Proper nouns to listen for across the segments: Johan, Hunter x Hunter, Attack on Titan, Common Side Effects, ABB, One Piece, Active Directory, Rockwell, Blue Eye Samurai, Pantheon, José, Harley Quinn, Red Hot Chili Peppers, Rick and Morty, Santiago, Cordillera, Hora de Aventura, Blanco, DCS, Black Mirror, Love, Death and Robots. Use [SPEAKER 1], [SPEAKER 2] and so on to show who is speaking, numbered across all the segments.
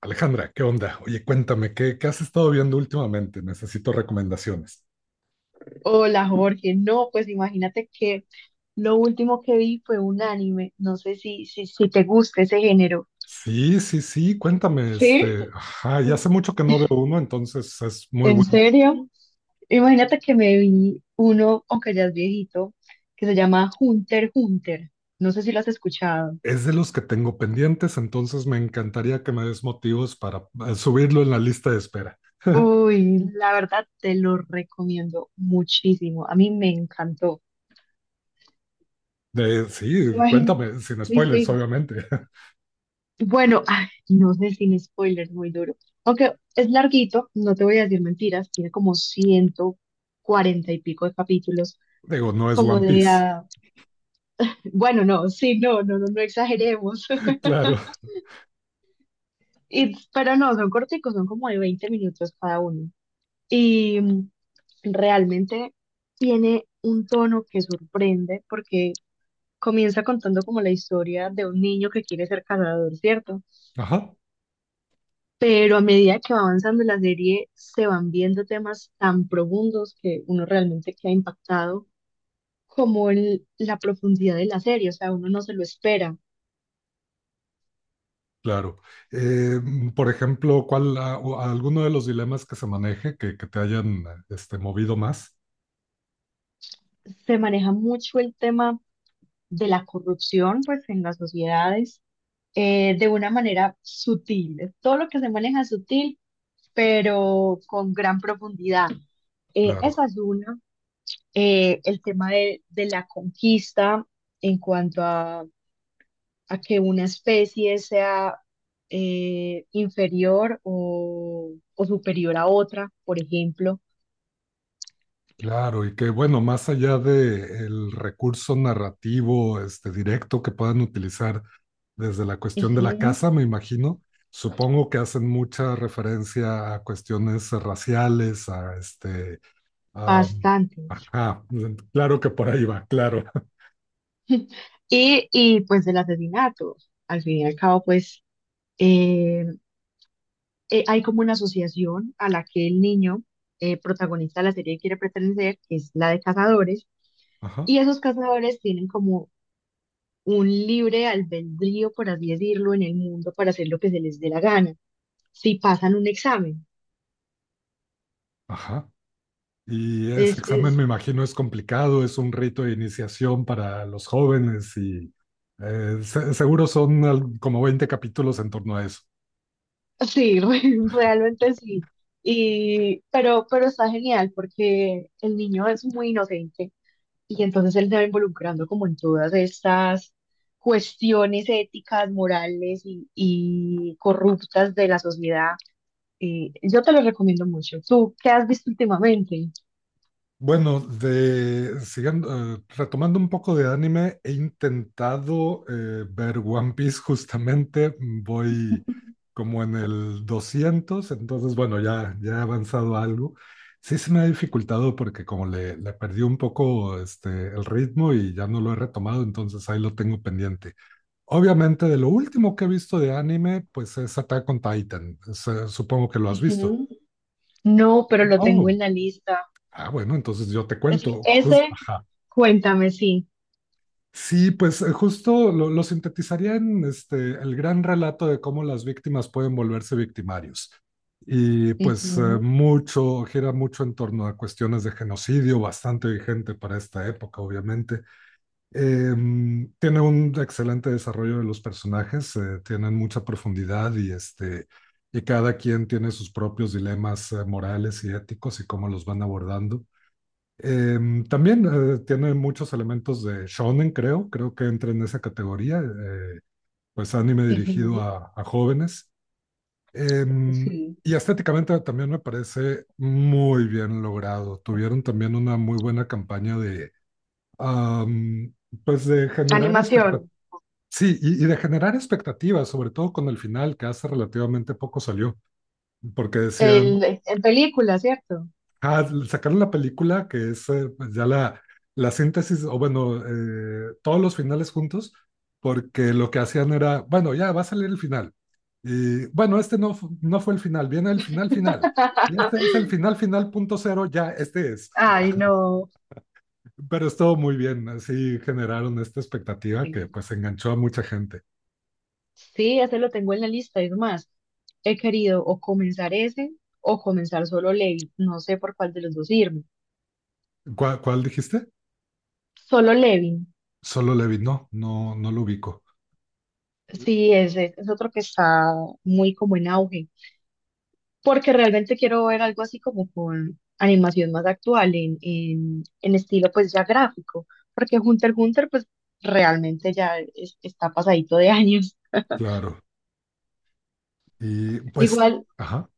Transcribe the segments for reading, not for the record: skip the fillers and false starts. [SPEAKER 1] Alejandra, ¿qué onda? Oye, cuéntame, ¿qué has estado viendo últimamente? Necesito recomendaciones.
[SPEAKER 2] Hola Jorge, no, pues imagínate que lo último que vi fue un anime, no sé si te gusta ese género.
[SPEAKER 1] Sí, sí, sí, cuéntame,
[SPEAKER 2] Sí.
[SPEAKER 1] ajá, ya hace mucho que no veo uno, entonces es muy
[SPEAKER 2] ¿En
[SPEAKER 1] bueno.
[SPEAKER 2] serio? Imagínate que me vi uno, aunque ya es viejito, que se llama Hunter x Hunter, no sé si lo has escuchado.
[SPEAKER 1] Es de los que tengo pendientes, entonces me encantaría que me des motivos para subirlo en la lista de espera.
[SPEAKER 2] Uy, la verdad te lo recomiendo muchísimo, a mí me encantó.
[SPEAKER 1] Sí,
[SPEAKER 2] Imagínate.
[SPEAKER 1] cuéntame, sin spoilers, obviamente.
[SPEAKER 2] Bueno, ay, no sé, sin spoilers, muy duro. Aunque es larguito, no te voy a decir mentiras, tiene como 140 y pico de capítulos,
[SPEAKER 1] Digo, no es
[SPEAKER 2] como
[SPEAKER 1] One
[SPEAKER 2] de,
[SPEAKER 1] Piece.
[SPEAKER 2] bueno, no, sí, no exageremos.
[SPEAKER 1] Claro.
[SPEAKER 2] Y, pero no, son corticos, son como de 20 minutos cada uno. Y mm, realmente tiene un tono que sorprende porque comienza contando como la historia de un niño que quiere ser cazador, ¿cierto?
[SPEAKER 1] Ajá.
[SPEAKER 2] Pero a medida que va avanzando la serie se van viendo temas tan profundos que uno realmente queda impactado como la profundidad de la serie, o sea, uno no se lo espera.
[SPEAKER 1] Claro. Por ejemplo, ¿ o alguno de los dilemas que se maneje que te hayan movido más?
[SPEAKER 2] Se maneja mucho el tema de la corrupción, pues, en las sociedades, de una manera sutil. Todo lo que se maneja es sutil, pero con gran profundidad. Esa
[SPEAKER 1] Claro,
[SPEAKER 2] es una. El tema de la conquista en cuanto a que una especie sea inferior o superior a otra, por ejemplo.
[SPEAKER 1] claro. Y que bueno, más allá del recurso narrativo directo que puedan utilizar desde la cuestión de la
[SPEAKER 2] Ujú.
[SPEAKER 1] casa, me imagino, supongo que hacen mucha referencia a cuestiones raciales, a-
[SPEAKER 2] Bastantes.
[SPEAKER 1] ajá, claro que por ahí va, claro.
[SPEAKER 2] Y pues del asesinato. Al fin y al cabo, pues eh, hay como una asociación a la que el niño protagonista de la serie quiere pertenecer, que es la de cazadores,
[SPEAKER 1] Ajá,
[SPEAKER 2] y esos cazadores tienen como un libre albedrío, por así decirlo, en el mundo para hacer lo que se les dé la gana, si pasan un examen.
[SPEAKER 1] ajá. Y ese examen, me imagino, es complicado, es un rito de iniciación para los jóvenes y seguro son como 20 capítulos en torno a eso.
[SPEAKER 2] Sí, realmente sí. Y, pero está genial porque el niño es muy inocente y entonces él se va involucrando como en todas estas cuestiones éticas, morales y corruptas de la sociedad. Y yo te lo recomiendo mucho. ¿Tú qué has visto últimamente?
[SPEAKER 1] Bueno, siguiendo, retomando un poco de anime, he intentado ver One Piece justamente, voy como en el 200, entonces bueno, ya he avanzado algo. Sí se me ha dificultado porque como le perdí un poco el ritmo y ya no lo he retomado, entonces ahí lo tengo pendiente. Obviamente de lo último que he visto de anime, pues es Attack on Titan. Supongo que lo has visto.
[SPEAKER 2] Ujú. No, pero lo tengo
[SPEAKER 1] Oh,
[SPEAKER 2] en la lista.
[SPEAKER 1] ah bueno, entonces yo te cuento, justo.
[SPEAKER 2] Ese, cuéntame, sí.
[SPEAKER 1] Sí, pues justo lo sintetizaría en este el gran relato de cómo las víctimas pueden volverse victimarios. Y pues
[SPEAKER 2] Ujú,
[SPEAKER 1] gira mucho en torno a cuestiones de genocidio, bastante vigente para esta época, obviamente. Tiene un excelente desarrollo de los personajes, tienen mucha profundidad y cada quien tiene sus propios dilemas morales y éticos y cómo los van abordando. También tiene muchos elementos de shonen, creo que entra en esa categoría, pues anime dirigido
[SPEAKER 2] ujú.
[SPEAKER 1] a, jóvenes.
[SPEAKER 2] Sí.
[SPEAKER 1] Y estéticamente también me parece muy bien logrado. Tuvieron también una muy buena campaña am, pues de generar
[SPEAKER 2] Animación.
[SPEAKER 1] expectativas. Sí, y de generar expectativas, sobre todo con el final, que hace relativamente poco salió, porque decían,
[SPEAKER 2] El, ¿en película, cierto?
[SPEAKER 1] ah, sacaron la película, que es pues ya la síntesis, o bueno, todos los finales juntos, porque lo que hacían era, bueno, ya va a salir el final. Y bueno, no, no fue el final, viene el final final. Y este es el final final punto cero, ya, este es.
[SPEAKER 2] Ay, no.
[SPEAKER 1] Pero estuvo muy bien, así generaron esta expectativa que
[SPEAKER 2] Sí.
[SPEAKER 1] pues enganchó a mucha gente.
[SPEAKER 2] Sí, ese lo tengo en la lista. Es más, he querido o comenzar ese o comenzar solo Levin. No sé por cuál de los dos irme.
[SPEAKER 1] ¿Cuál dijiste?
[SPEAKER 2] Solo Levin.
[SPEAKER 1] Solo Levi, no, no, no lo ubico,
[SPEAKER 2] Sí, ese es otro que está muy como en auge. Porque realmente quiero ver algo así como con animación más actual, en estilo pues ya gráfico. Porque Hunter x Hunter pues realmente ya está pasadito de años.
[SPEAKER 1] claro. Y pues,
[SPEAKER 2] Igual,
[SPEAKER 1] ajá.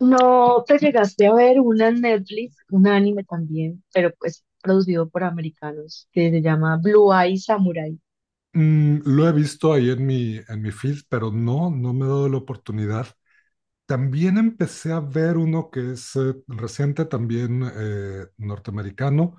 [SPEAKER 2] no te llegaste a ver una en Netflix, un anime también, pero pues producido por americanos, que se llama Blue Eye Samurai.
[SPEAKER 1] Lo he visto ahí en mi feed, pero no, no me he dado la oportunidad. También empecé a ver uno que es reciente, también norteamericano,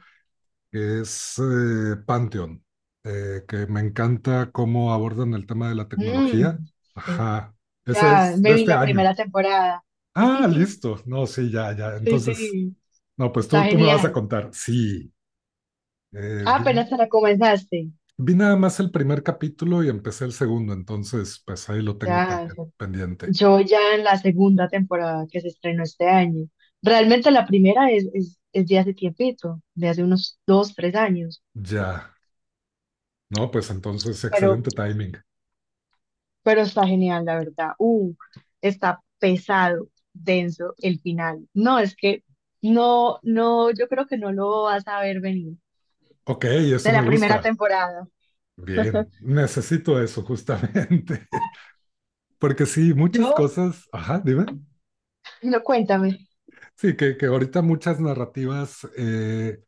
[SPEAKER 1] que es Pantheon, que me encanta cómo abordan el tema de la tecnología.
[SPEAKER 2] Mm, sí,
[SPEAKER 1] Ajá, ese
[SPEAKER 2] ya
[SPEAKER 1] es
[SPEAKER 2] me
[SPEAKER 1] de
[SPEAKER 2] vi
[SPEAKER 1] este
[SPEAKER 2] la
[SPEAKER 1] año.
[SPEAKER 2] primera temporada.
[SPEAKER 1] Ah, listo. No, sí, ya, ya.
[SPEAKER 2] Sí,
[SPEAKER 1] Entonces,
[SPEAKER 2] sí,
[SPEAKER 1] no, pues tú,
[SPEAKER 2] está
[SPEAKER 1] tú me vas a
[SPEAKER 2] genial.
[SPEAKER 1] contar. Sí,
[SPEAKER 2] Ah,
[SPEAKER 1] vi.
[SPEAKER 2] apenas te la comenzaste.
[SPEAKER 1] Vi nada más el primer capítulo y empecé el segundo, entonces pues ahí lo tengo
[SPEAKER 2] Ya, ya.
[SPEAKER 1] también pendiente.
[SPEAKER 2] Yo ya en la segunda temporada que se estrenó este año. Realmente la primera es de hace tiempito, de hace unos dos, tres años.
[SPEAKER 1] Ya, no, pues entonces
[SPEAKER 2] Pero
[SPEAKER 1] excelente timing.
[SPEAKER 2] pero está genial, la verdad. Está pesado, denso el final. No, es que no, no, yo creo que no lo vas a ver venir
[SPEAKER 1] OK, eso
[SPEAKER 2] de
[SPEAKER 1] me
[SPEAKER 2] la primera
[SPEAKER 1] gusta.
[SPEAKER 2] temporada.
[SPEAKER 1] Bien, necesito eso justamente, porque sí, muchas
[SPEAKER 2] Yo,
[SPEAKER 1] cosas, ajá, dime,
[SPEAKER 2] no, cuéntame.
[SPEAKER 1] sí, que ahorita muchas narrativas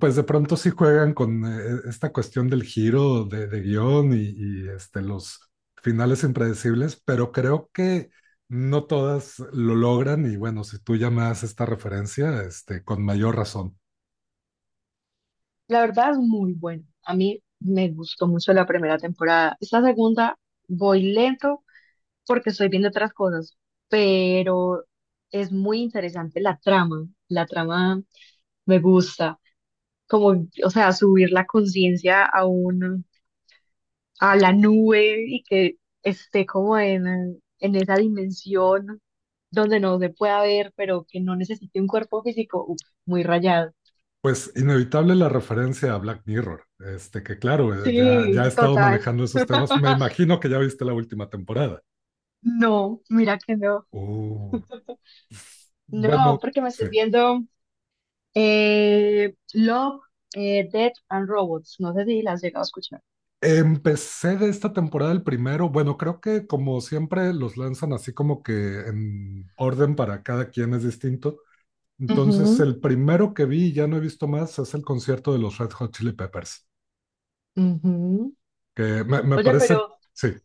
[SPEAKER 1] pues de pronto sí juegan con esta cuestión del giro de guión y los finales impredecibles, pero creo que no todas lo logran y bueno, si tú ya esta referencia, con mayor razón.
[SPEAKER 2] La verdad es muy bueno. A mí me gustó mucho la primera temporada. Esta segunda voy lento porque estoy viendo otras cosas, pero es muy interesante la trama. La trama me gusta. Como, o sea, subir la conciencia a un a la nube y que esté como en esa dimensión donde no se pueda ver, pero que no necesite un cuerpo físico, uf, muy rayado.
[SPEAKER 1] Pues inevitable la referencia a Black Mirror, que claro, ya he
[SPEAKER 2] Sí,
[SPEAKER 1] estado
[SPEAKER 2] total.
[SPEAKER 1] manejando esos temas, me imagino que ya viste la última temporada.
[SPEAKER 2] No, mira que no.
[SPEAKER 1] Uh,
[SPEAKER 2] No,
[SPEAKER 1] bueno,
[SPEAKER 2] porque me
[SPEAKER 1] sí.
[SPEAKER 2] estoy viendo Love, Death and Robots. No sé si las has llegado a escuchar.
[SPEAKER 1] Empecé de esta temporada el primero. Bueno, creo que como siempre los lanzan así como que en orden para cada quien es distinto. Entonces,
[SPEAKER 2] Ujú,
[SPEAKER 1] el primero que vi y ya no he visto más es el concierto de los Red Hot Chili Peppers,
[SPEAKER 2] ujú.
[SPEAKER 1] que me
[SPEAKER 2] Oye,
[SPEAKER 1] parece,
[SPEAKER 2] pero
[SPEAKER 1] sí,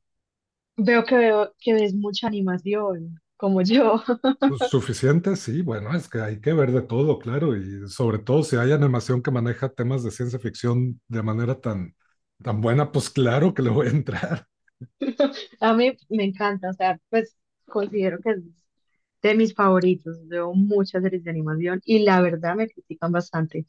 [SPEAKER 2] veo que ves mucha animación, como yo.
[SPEAKER 1] suficiente, sí, bueno, es que hay que ver de todo, claro, y sobre todo si hay animación que maneja temas de ciencia ficción de manera tan, tan buena, pues claro que le voy a entrar.
[SPEAKER 2] A mí me encanta, o sea, pues considero que de mis favoritos. Veo muchas series de animación y la verdad me critican bastante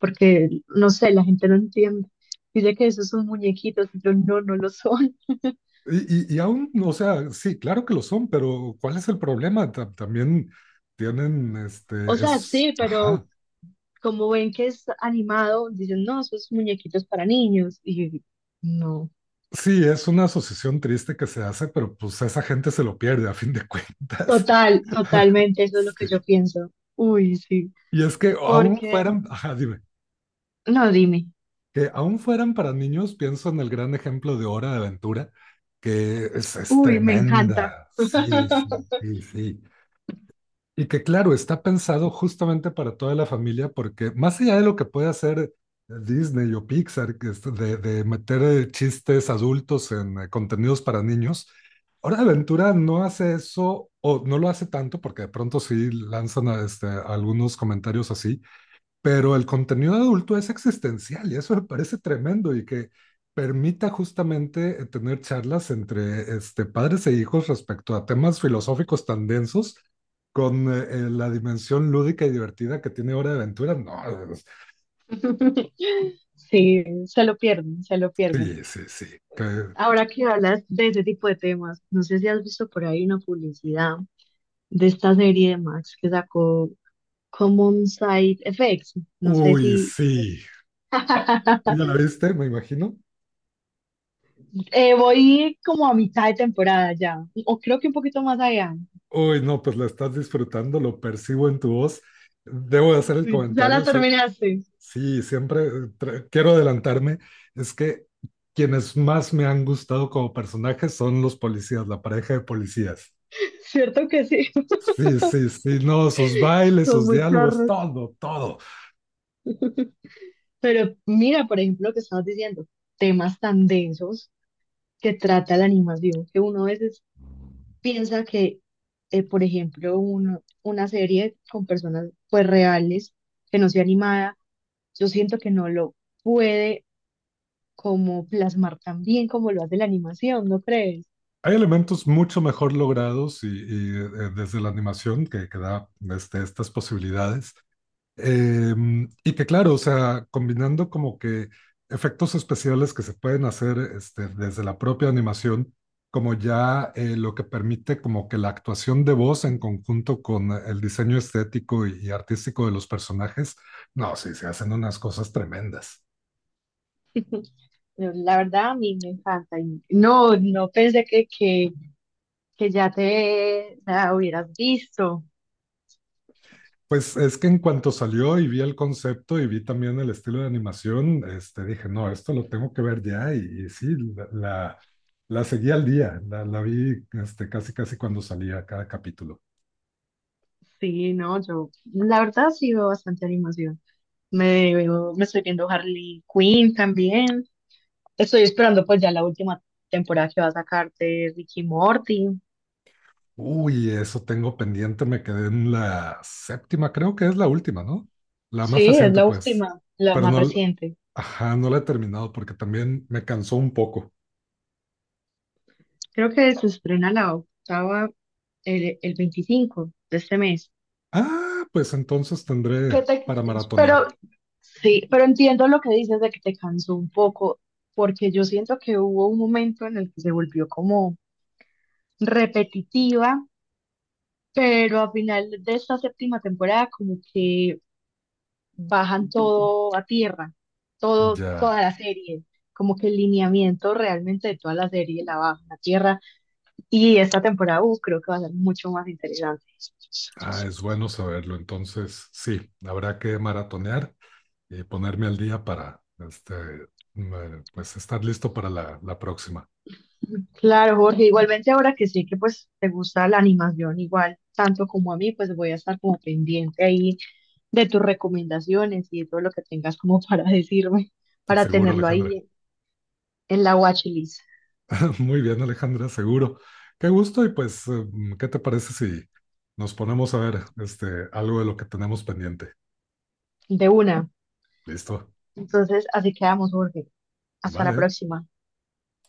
[SPEAKER 2] porque, no sé, la gente no entiende. Dice que esos son muñequitos, y yo no, no lo son.
[SPEAKER 1] Y aún, o sea, sí, claro que lo son, pero ¿cuál es el problema? También tienen,
[SPEAKER 2] O sea, sí, pero
[SPEAKER 1] ajá,
[SPEAKER 2] como ven que es animado, dicen, no, esos muñequitos para niños. Y yo, no,
[SPEAKER 1] sí, es una asociación triste que se hace, pero pues esa gente se lo pierde a fin de cuentas.
[SPEAKER 2] total, totalmente, eso es lo que
[SPEAKER 1] Sí.
[SPEAKER 2] yo pienso. Uy, sí,
[SPEAKER 1] Y es que aún
[SPEAKER 2] porque,
[SPEAKER 1] fueran, ajá, dime,
[SPEAKER 2] no, dime,
[SPEAKER 1] que aún fueran para niños, pienso en el gran ejemplo de Hora de Aventura, que es
[SPEAKER 2] uy, me encanta.
[SPEAKER 1] tremenda. Sí, sí, sí, sí. Y que claro, está pensado justamente para toda la familia, porque más allá de lo que puede hacer Disney o Pixar, que es de meter chistes adultos en contenidos para niños. Hora de Aventura no hace eso o no lo hace tanto, porque de pronto sí lanzan algunos comentarios así, pero el contenido adulto es existencial y eso me parece tremendo y que permita justamente tener charlas entre padres e hijos respecto a temas filosóficos tan densos con la dimensión lúdica y divertida que tiene Hora de Aventura. No, es-
[SPEAKER 2] Sí, se lo pierden, se lo pierden.
[SPEAKER 1] sí, sí, sí.
[SPEAKER 2] Ahora que hablas de ese tipo de temas, no sé si has visto por ahí una publicidad de esta serie de Max que sacó Common Side Effects. No sé
[SPEAKER 1] Uy,
[SPEAKER 2] si...
[SPEAKER 1] sí. ¿Tú ya la viste, me imagino?
[SPEAKER 2] Voy como a mitad de temporada ya, o creo que un poquito más allá.
[SPEAKER 1] Uy, no, pues la estás disfrutando, lo percibo en tu voz. Debo de hacer el
[SPEAKER 2] Sí, ya la
[SPEAKER 1] comentario, sí,
[SPEAKER 2] terminaste,
[SPEAKER 1] sí, siempre quiero adelantarme. Es que quienes más me han gustado como personajes son los policías, la pareja de policías.
[SPEAKER 2] ¿cierto que sí?
[SPEAKER 1] Sí, sí, sí, no, sus bailes,
[SPEAKER 2] Son
[SPEAKER 1] sus
[SPEAKER 2] muy
[SPEAKER 1] diálogos,
[SPEAKER 2] charros.
[SPEAKER 1] todo, todo.
[SPEAKER 2] Pero mira, por ejemplo, lo que estabas diciendo, temas tan densos que trata la animación, que uno a veces piensa que, por ejemplo, una serie con personas pues reales, que no sea animada, yo siento que no lo puede como plasmar tan bien como lo hace la animación, ¿no crees?
[SPEAKER 1] Hay elementos mucho mejor logrados y desde la animación que da estas posibilidades. Y que claro, o sea, combinando como que efectos especiales que se pueden hacer este desde la propia animación, como ya lo que permite como que la actuación de voz en conjunto con el diseño estético y artístico de los personajes, no, sí, se hacen unas cosas tremendas.
[SPEAKER 2] Pero la verdad a mí me encanta. Y no, no pensé que, que ya te la hubieras visto.
[SPEAKER 1] Pues es que en cuanto salió y vi el concepto y vi también el estilo de animación, dije, no, esto lo tengo que ver ya. Y sí, la, la, la seguí al día, la vi casi casi cuando salía cada capítulo.
[SPEAKER 2] Sí, no, yo la verdad sí veo bastante animación. Me estoy viendo Harley Quinn también. Estoy esperando pues ya la última temporada que va a sacar de Ricky Morty.
[SPEAKER 1] Uy, eso tengo pendiente, me quedé en la séptima, creo que es la última, ¿no? La más
[SPEAKER 2] Sí, es
[SPEAKER 1] reciente,
[SPEAKER 2] la
[SPEAKER 1] pues.
[SPEAKER 2] última, la
[SPEAKER 1] Pero
[SPEAKER 2] más
[SPEAKER 1] no,
[SPEAKER 2] reciente.
[SPEAKER 1] ajá, no la he terminado porque también me cansó un poco.
[SPEAKER 2] Creo que se estrena la octava el 25 de este mes.
[SPEAKER 1] Ah, pues entonces tendré
[SPEAKER 2] Que te-
[SPEAKER 1] para
[SPEAKER 2] pero
[SPEAKER 1] maratonear.
[SPEAKER 2] sí, pero entiendo lo que dices de que te cansó un poco, porque yo siento que hubo un momento en el que se volvió como repetitiva, pero al final de esta séptima temporada como que bajan todo a tierra, todo, toda
[SPEAKER 1] Ya.
[SPEAKER 2] la serie, como que el lineamiento realmente de toda la serie la bajan a tierra y esta temporada creo que va a ser mucho más interesante.
[SPEAKER 1] Ah, es bueno saberlo. Entonces, sí, habrá que maratonear y ponerme al día para pues estar listo para la próxima.
[SPEAKER 2] Claro, Jorge, igualmente ahora que sé que pues te gusta la animación igual tanto como a mí, pues voy a estar como pendiente ahí de tus recomendaciones y de todo lo que tengas como para decirme, para
[SPEAKER 1] Seguro,
[SPEAKER 2] tenerlo
[SPEAKER 1] Alejandra.
[SPEAKER 2] ahí en la watchlist
[SPEAKER 1] Muy bien, Alejandra, seguro. Qué gusto y pues, ¿qué te parece si nos ponemos a ver algo de lo que tenemos pendiente?
[SPEAKER 2] de una.
[SPEAKER 1] Listo.
[SPEAKER 2] Entonces, así quedamos, Jorge. Hasta la
[SPEAKER 1] Vale.
[SPEAKER 2] próxima.